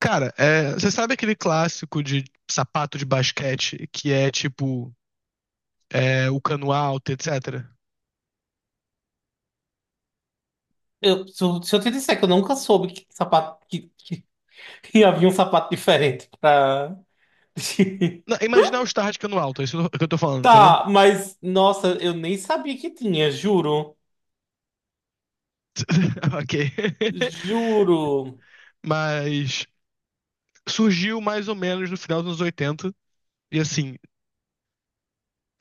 Cara, é, você sabe aquele clássico de sapato de basquete que é tipo o cano alto, etc. Eu, se, eu se eu te disser que eu nunca soube que sapato que havia um sapato diferente pra. Não, imagina o All-Star de cano alto, é isso que eu tô falando, entendeu? Tá, mas nossa, eu nem sabia que tinha, juro. Ok. Juro. Mas surgiu mais ou menos no final dos anos 80, e assim.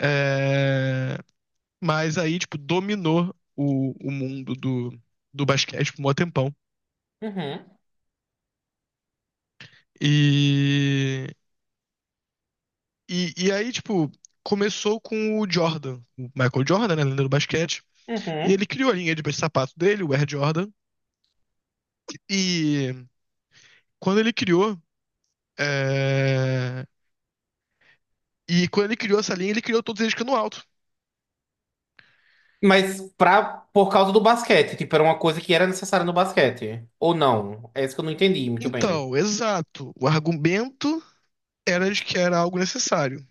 é, Mas aí, tipo, dominou o mundo do basquete por um tempão. Uhum, E, e aí, tipo, começou com o Jordan, o Michael Jordan, né, lenda do basquete. E uhum. ele criou a linha de sapato dele, o Air Jordan. E quando ele criou. é, E quando ele criou essa linha, ele criou todos eles cano alto. Mas por causa do basquete, tipo, era uma coisa que era necessária no basquete. Ou não? É isso que eu não entendi muito bem. Então, exato. O argumento era de que era algo necessário.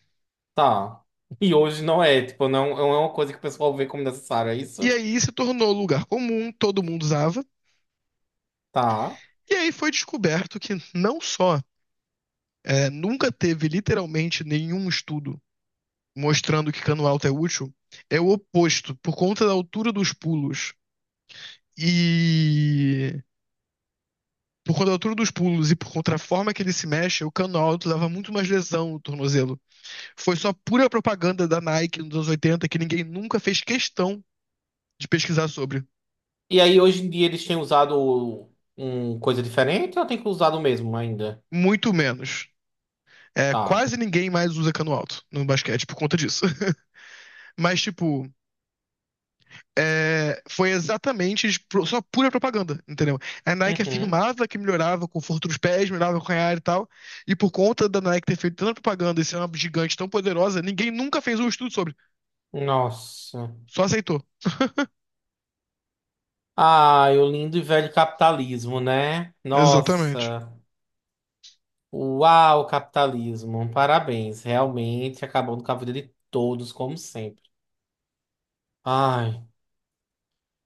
Tá. E hoje não é, tipo, não é uma coisa que o pessoal vê como necessária, é E isso? aí se tornou lugar comum, todo mundo usava. Tá. E aí foi descoberto que não só nunca teve literalmente nenhum estudo mostrando que cano alto é útil, é o oposto, por conta da altura dos pulos. E por conta da altura dos pulos e por conta da forma que ele se mexe, o cano alto leva muito mais lesão no tornozelo. Foi só pura propaganda da Nike nos anos 80 que ninguém nunca fez questão de pesquisar sobre. E aí, hoje em dia, eles têm usado um coisa diferente ou tem que usar o mesmo ainda? Muito menos. É, Tá. quase ninguém mais usa cano alto no basquete por conta disso. Mas, tipo, foi exatamente só pura propaganda, entendeu? A Nike Uhum. afirmava que melhorava o conforto dos pés, melhorava o canhar e tal. E por conta da Nike ter feito tanta propaganda e ser uma gigante tão poderosa, ninguém nunca fez um estudo sobre. Nossa. Só aceitou. Ai, o lindo e velho capitalismo, né? Exatamente. Nossa. Uau, capitalismo. Parabéns. Realmente acabando com a vida de todos, como sempre. Ai.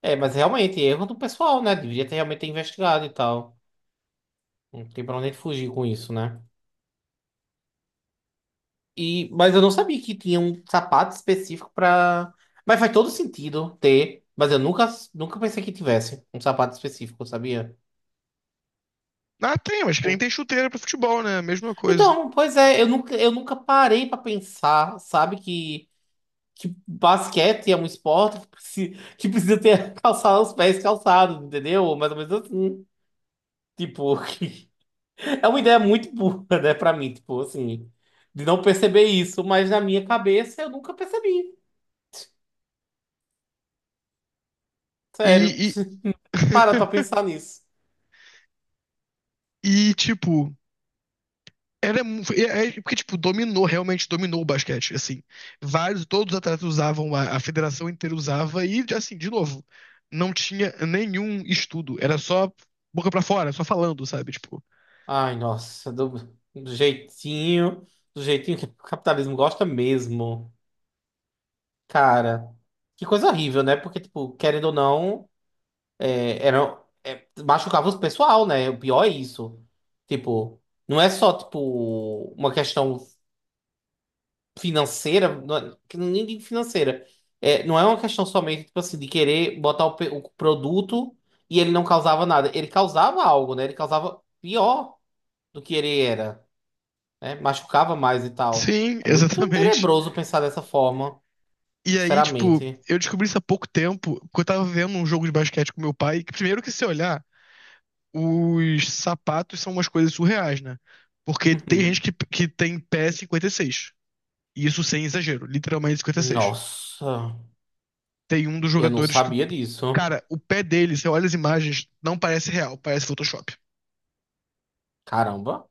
É, mas realmente, erro do pessoal, né? Devia ter realmente investigado e tal. Não tem pra onde fugir com isso, né? E, mas eu não sabia que tinha um sapato específico pra. Mas faz todo sentido ter. Mas eu nunca pensei que tivesse um sapato específico, sabia? Ah, tem, mas que nem Tipo, tem chuteira pra futebol, né? Mesma coisa. então, pois é, eu nunca parei pra pensar, sabe, que basquete é um esporte que que precisa ter calçado, os pés calçados, entendeu? Mais ou menos assim. Tipo, é uma ideia muito burra, né, pra mim, tipo, assim, de não perceber isso, mas na minha cabeça eu nunca percebi. E, Sério. e, E para pra pensar nisso. e tipo, porque, tipo, dominou, realmente dominou o basquete, assim. Vários, todos os atletas usavam, a federação inteira usava, e, assim, de novo, não tinha nenhum estudo. Era só boca pra fora, só falando, sabe? Tipo, Ai, nossa, do jeitinho, do jeitinho que o capitalismo gosta mesmo. Cara, que coisa horrível, né? Porque, tipo, querendo ou não, machucava o pessoal, né? O pior é isso. Tipo, não é só, tipo, uma questão financeira, não é- que não- é nem digo financeira. É, não é uma questão somente, tipo assim, de querer botar o produto e ele não causava nada. Ele causava algo, né? Ele causava pior do que ele era. Né? Machucava mais e tal. sim, É muito exatamente. tenebroso pensar dessa forma, E aí, tipo, sinceramente. eu descobri isso há pouco tempo, porque eu tava vendo um jogo de basquete com meu pai, que primeiro que se olhar, os sapatos são umas coisas surreais, né? Porque tem gente Uhum. que tem pé 56. E seis. E isso sem exagero, literalmente 56. Nossa, Tem um dos eu não jogadores que, sabia disso. cara, o pé dele, você olha as imagens, não parece real, parece Photoshop. Caramba,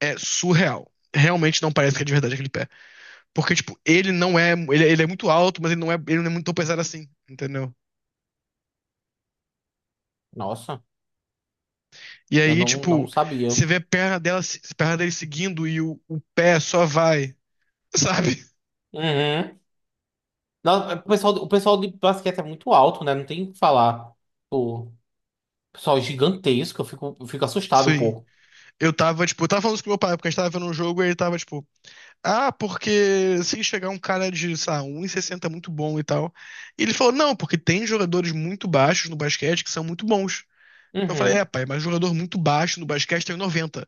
É surreal. Realmente não parece que é de verdade aquele pé. Porque, tipo, ele não é. Ele é muito alto, mas ele não é muito tão pesado assim, entendeu? nossa, E eu aí, não tipo, sabia. você vê a perna dela, a perna dele seguindo e o pé só vai, sabe? Uhum. Não, o pessoal de basquete é muito alto, né? Não tem o que falar. O pessoal é gigantesco, eu fico assustado um Sim. pouco. Eu tava falando isso com meu pai, porque a gente tava vendo um jogo e ele tava, tipo, ah, porque se chegar um cara de, sei lá, 1,60 muito bom e tal. E ele falou, não, porque tem jogadores muito baixos no basquete que são muito bons. Eu falei, Uhum. pai, mas jogador muito baixo no basquete tem 90.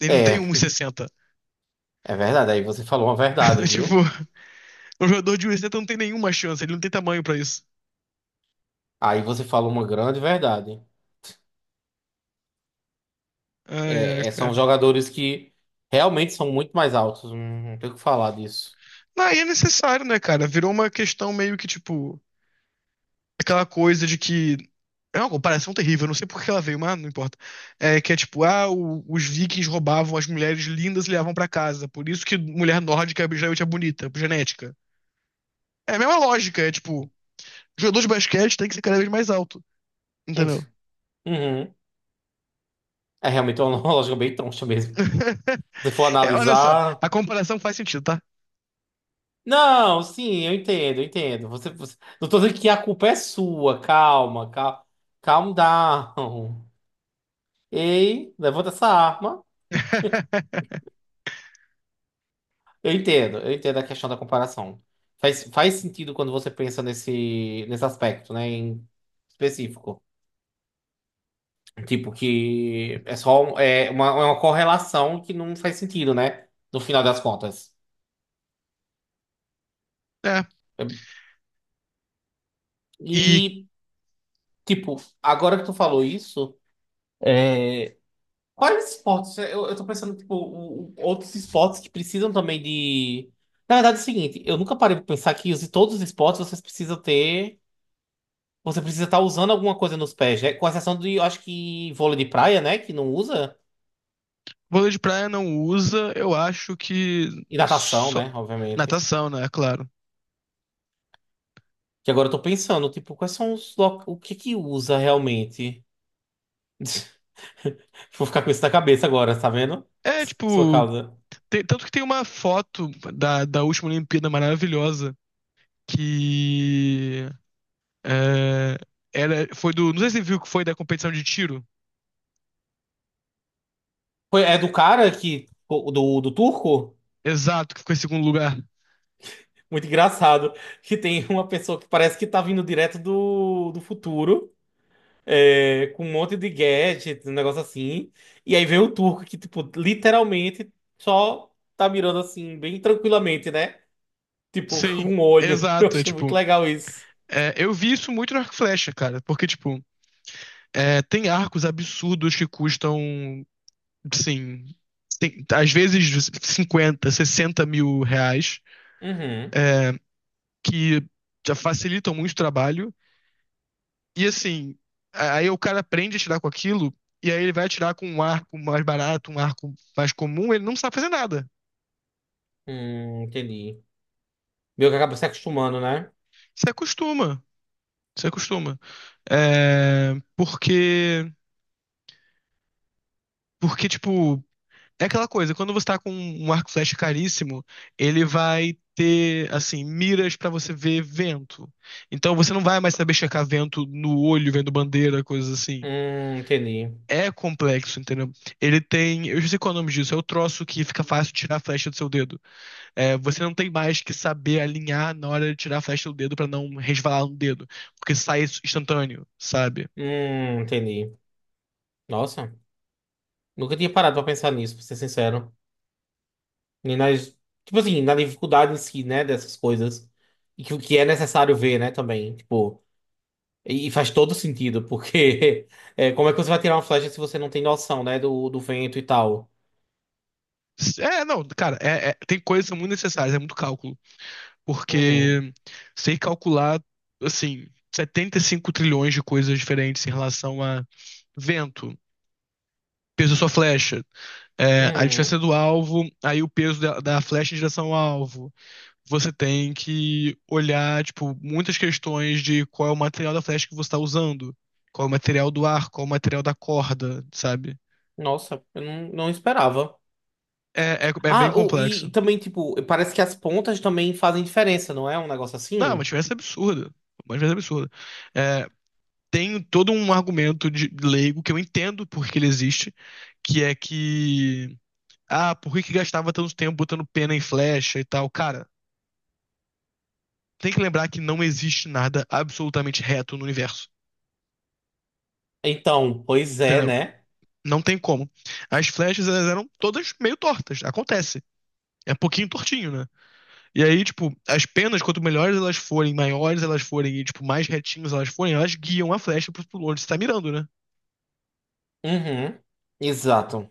Ele não tem É, 1,60. é verdade. Aí você falou uma verdade, Tipo, viu? um jogador de 1,60 não tem nenhuma chance, ele não tem tamanho pra isso. Aí você falou uma grande verdade. Ai, ai, São cara. jogadores que realmente são muito mais altos. Não, não tem o que falar disso. Não, e é necessário, né, cara? Virou uma questão meio que, tipo, aquela coisa de que. É uma comparação terrível, eu não sei por que ela veio, mas não importa. É que é tipo, ah, os vikings roubavam as mulheres lindas e levavam pra casa. Por isso que mulher nórdica geralmente é bonita, por genética. É a mesma lógica, é tipo, jogador de basquete tem que ser cada vez mais alto, entendeu? Uhum. É realmente uma lógica bem troncha mesmo. Se for É, olha só, analisar. a comparação faz sentido, tá? Não, sim, eu entendo, eu entendo. Você. Não tô dizendo que a culpa é sua. Calma, calma. Calm down. Ei, levanta essa arma. Eu entendo a questão da comparação. Faz sentido quando você pensa nesse aspecto, né, em específico. Tipo, que é só é uma correlação que não faz sentido, né? No final das contas. É. E E, tipo, agora que tu falou isso, é, quais esportes? Eu tô pensando, tipo, outros esportes que precisam também de. Na verdade, é o seguinte, eu nunca parei pra pensar que todos os esportes vocês precisam ter. Você precisa estar usando alguma coisa nos pés, né? Com exceção de, eu acho que vôlei de praia, né? Que não usa. vôlei de praia não usa, eu acho que E natação, só né? Obviamente. natação, né? Claro. Que agora eu tô pensando, tipo, quais são o que que usa realmente? Vou ficar com isso na cabeça agora, tá vendo? É, Sua tipo, causa. Tanto que tem uma foto da, última Olimpíada maravilhosa que é, era, foi do, não sei se você viu que foi da competição de tiro. É do cara que do turco? Exato, que ficou em segundo lugar. Muito engraçado. Que tem uma pessoa que parece que tá vindo direto do futuro. Com um monte de gadget, um negócio assim. E aí vem o turco que, tipo, literalmente só tá mirando assim, bem tranquilamente, né? Tipo, com Sim, um olho. Eu exato. É achei muito tipo, legal isso. Eu vi isso muito no Arco e Flecha, cara, porque tipo, tem arcos absurdos que custam, sim, às vezes 50 60 mil reais, Uhum. é, que já facilitam muito o trabalho. E assim, aí o cara aprende a tirar com aquilo, e aí ele vai tirar com um arco mais barato, um arco mais comum, ele não sabe fazer nada. Entendi. Meio que acaba se acostumando, né? Se acostuma, se acostuma. É, porque tipo, é aquela coisa, quando você tá com um arco e flecha caríssimo, ele vai ter, assim, miras pra você ver vento. Então você não vai mais saber checar vento no olho, vendo bandeira, coisas assim. Entendi. É complexo, entendeu? Ele tem, eu já sei qual é o nome disso, é o troço que fica fácil tirar a flecha do seu dedo. É, você não tem mais que saber alinhar na hora de tirar a flecha do dedo pra não resvalar no dedo, porque sai instantâneo, sabe? Entendi. Nossa, nunca tinha parado pra pensar nisso, pra ser sincero. Nem nas, tipo assim, na dificuldade em si, né, dessas coisas. E que o que é necessário ver, né, também. Tipo, e faz todo sentido, porque como é que você vai tirar uma flecha se você não tem noção, né, do vento e tal? É, não, cara, tem coisas que são muito necessárias, é muito cálculo. Uhum, Porque sei calcular, assim, 75 trilhões de coisas diferentes em relação a vento, peso da sua flecha, a uhum. distância do alvo, aí o peso da flecha em direção ao alvo. Você tem que olhar, tipo, muitas questões de qual é o material da flecha que você está usando, qual é o material do ar, qual é o material da corda, sabe? Nossa, eu não esperava. É bem Ah, e complexo. também, tipo, parece que as pontas também fazem diferença, não é? Um negócio Não, é uma assim? diferença absurda. Uma diferença absurda. É, tem todo um argumento de leigo que eu entendo porque ele existe, que é que ah, por que que gastava tanto tempo botando pena em flecha e tal? Cara, tem que lembrar que não existe nada absolutamente reto no universo, Então, pois é, entendeu? né? Não tem como. As flechas elas eram todas meio tortas, acontece. É um pouquinho tortinho, né? E aí, tipo, as penas, quanto melhores elas forem, maiores elas forem e, tipo, mais retinhas elas forem, elas guiam a flecha pro onde você tá mirando, né? Uhum. Exato.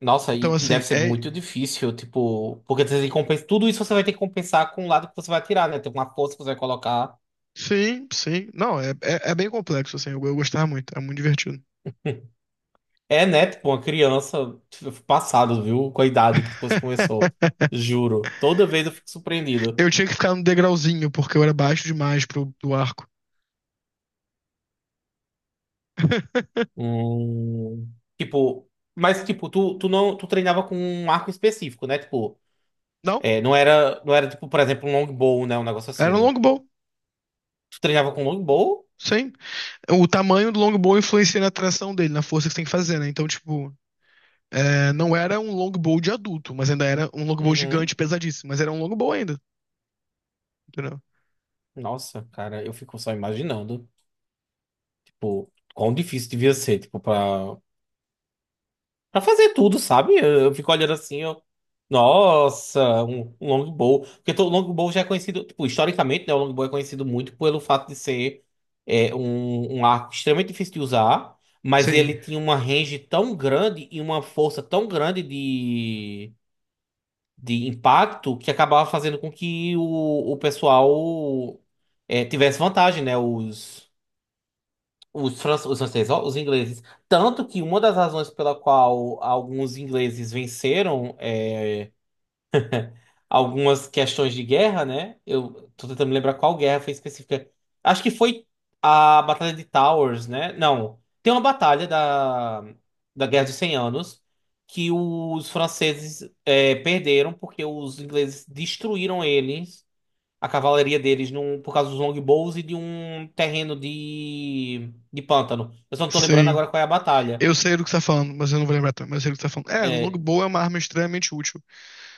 Nossa, Então, e assim, deve ser muito difícil, tipo, porque você tem que compensar tudo isso você vai ter que compensar com o lado que você vai tirar, né? Tem uma força que você vai colocar. Sim, sim. Não, é bem complexo, assim. Eu gostava muito, é muito divertido. É, né? Tipo, uma criança tipo, passado, viu? Com a idade que depois começou. Juro. Toda vez eu fico surpreendido. Eu tinha que ficar no degrauzinho, porque eu era baixo demais pro, do arco. Hum, tipo, mas tipo, tu, tu não, tu treinava com um arco específico, né? Tipo, Não, não era tipo, por exemplo, um longbow, né? Um negócio era um assim. longbow. Tu treinava com longbow? Sim. O tamanho do longbow influencia na tração dele, na força que você tem que fazer, né? Então, tipo, não era um longbow de adulto, mas ainda era um longbow gigante, Uhum. pesadíssimo. Mas era um longbow ainda, entendeu? Nossa, cara, eu fico só imaginando, tipo, quão difícil devia ser, tipo, pra fazer tudo, sabe? Eu fico olhando assim, eu. Nossa, um longbow. Porque o longbow já é conhecido, tipo, historicamente, né? O longbow é conhecido muito pelo fato de ser um arco extremamente difícil de usar, mas Sim. ele tinha uma range tão grande e uma força tão grande de impacto que acabava fazendo com que o pessoal tivesse vantagem, né? Os franceses, ó, os ingleses. Tanto que uma das razões pela qual alguns ingleses venceram algumas questões de guerra, né? Eu tô tentando me lembrar qual guerra foi específica. Acho que foi a Batalha de Towers, né? Não, tem uma batalha da Guerra dos 100 Anos que os franceses perderam porque os ingleses destruíram eles, a cavalaria deles, num, por causa dos longbows e de um terreno de pântano. Eu só não tô lembrando Sim. agora qual é a batalha. Eu sei do que você tá falando, mas eu não vou lembrar, também, mas eu sei do que você tá falando. É, É, longbow é uma arma extremamente útil.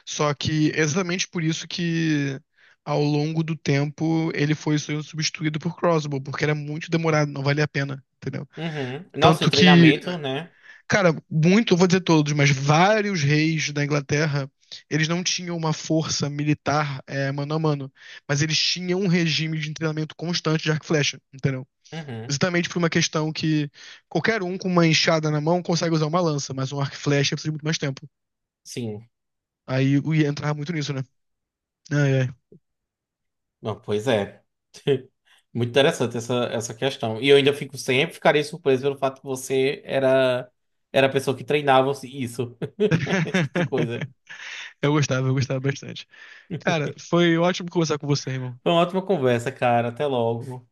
Só que é exatamente por isso que ao longo do tempo ele foi sendo substituído por crossbow, porque era muito demorado, não valia a pena, entendeu? uhum. Nossa, e Tanto o que, treinamento, né? cara, muito, eu vou dizer todos, mas vários reis da Inglaterra, eles não tinham uma força militar mano a mano, mas eles tinham um regime de treinamento constante de arco e flecha, entendeu? Uhum. Exatamente por uma questão que qualquer um com uma enxada na mão consegue usar uma lança, mas um arco e flecha precisa de muito mais tempo. Sim. Aí eu ia entrar muito nisso, né? Ai, ai. Não, pois é. Muito interessante essa questão. E eu ainda fico sempre ficaria surpreso pelo fato que você era a pessoa que treinava isso. Esse tipo de coisa. Eu gostava bastante. Cara, foi ótimo conversar com você, irmão. Foi uma ótima conversa, cara. Até logo.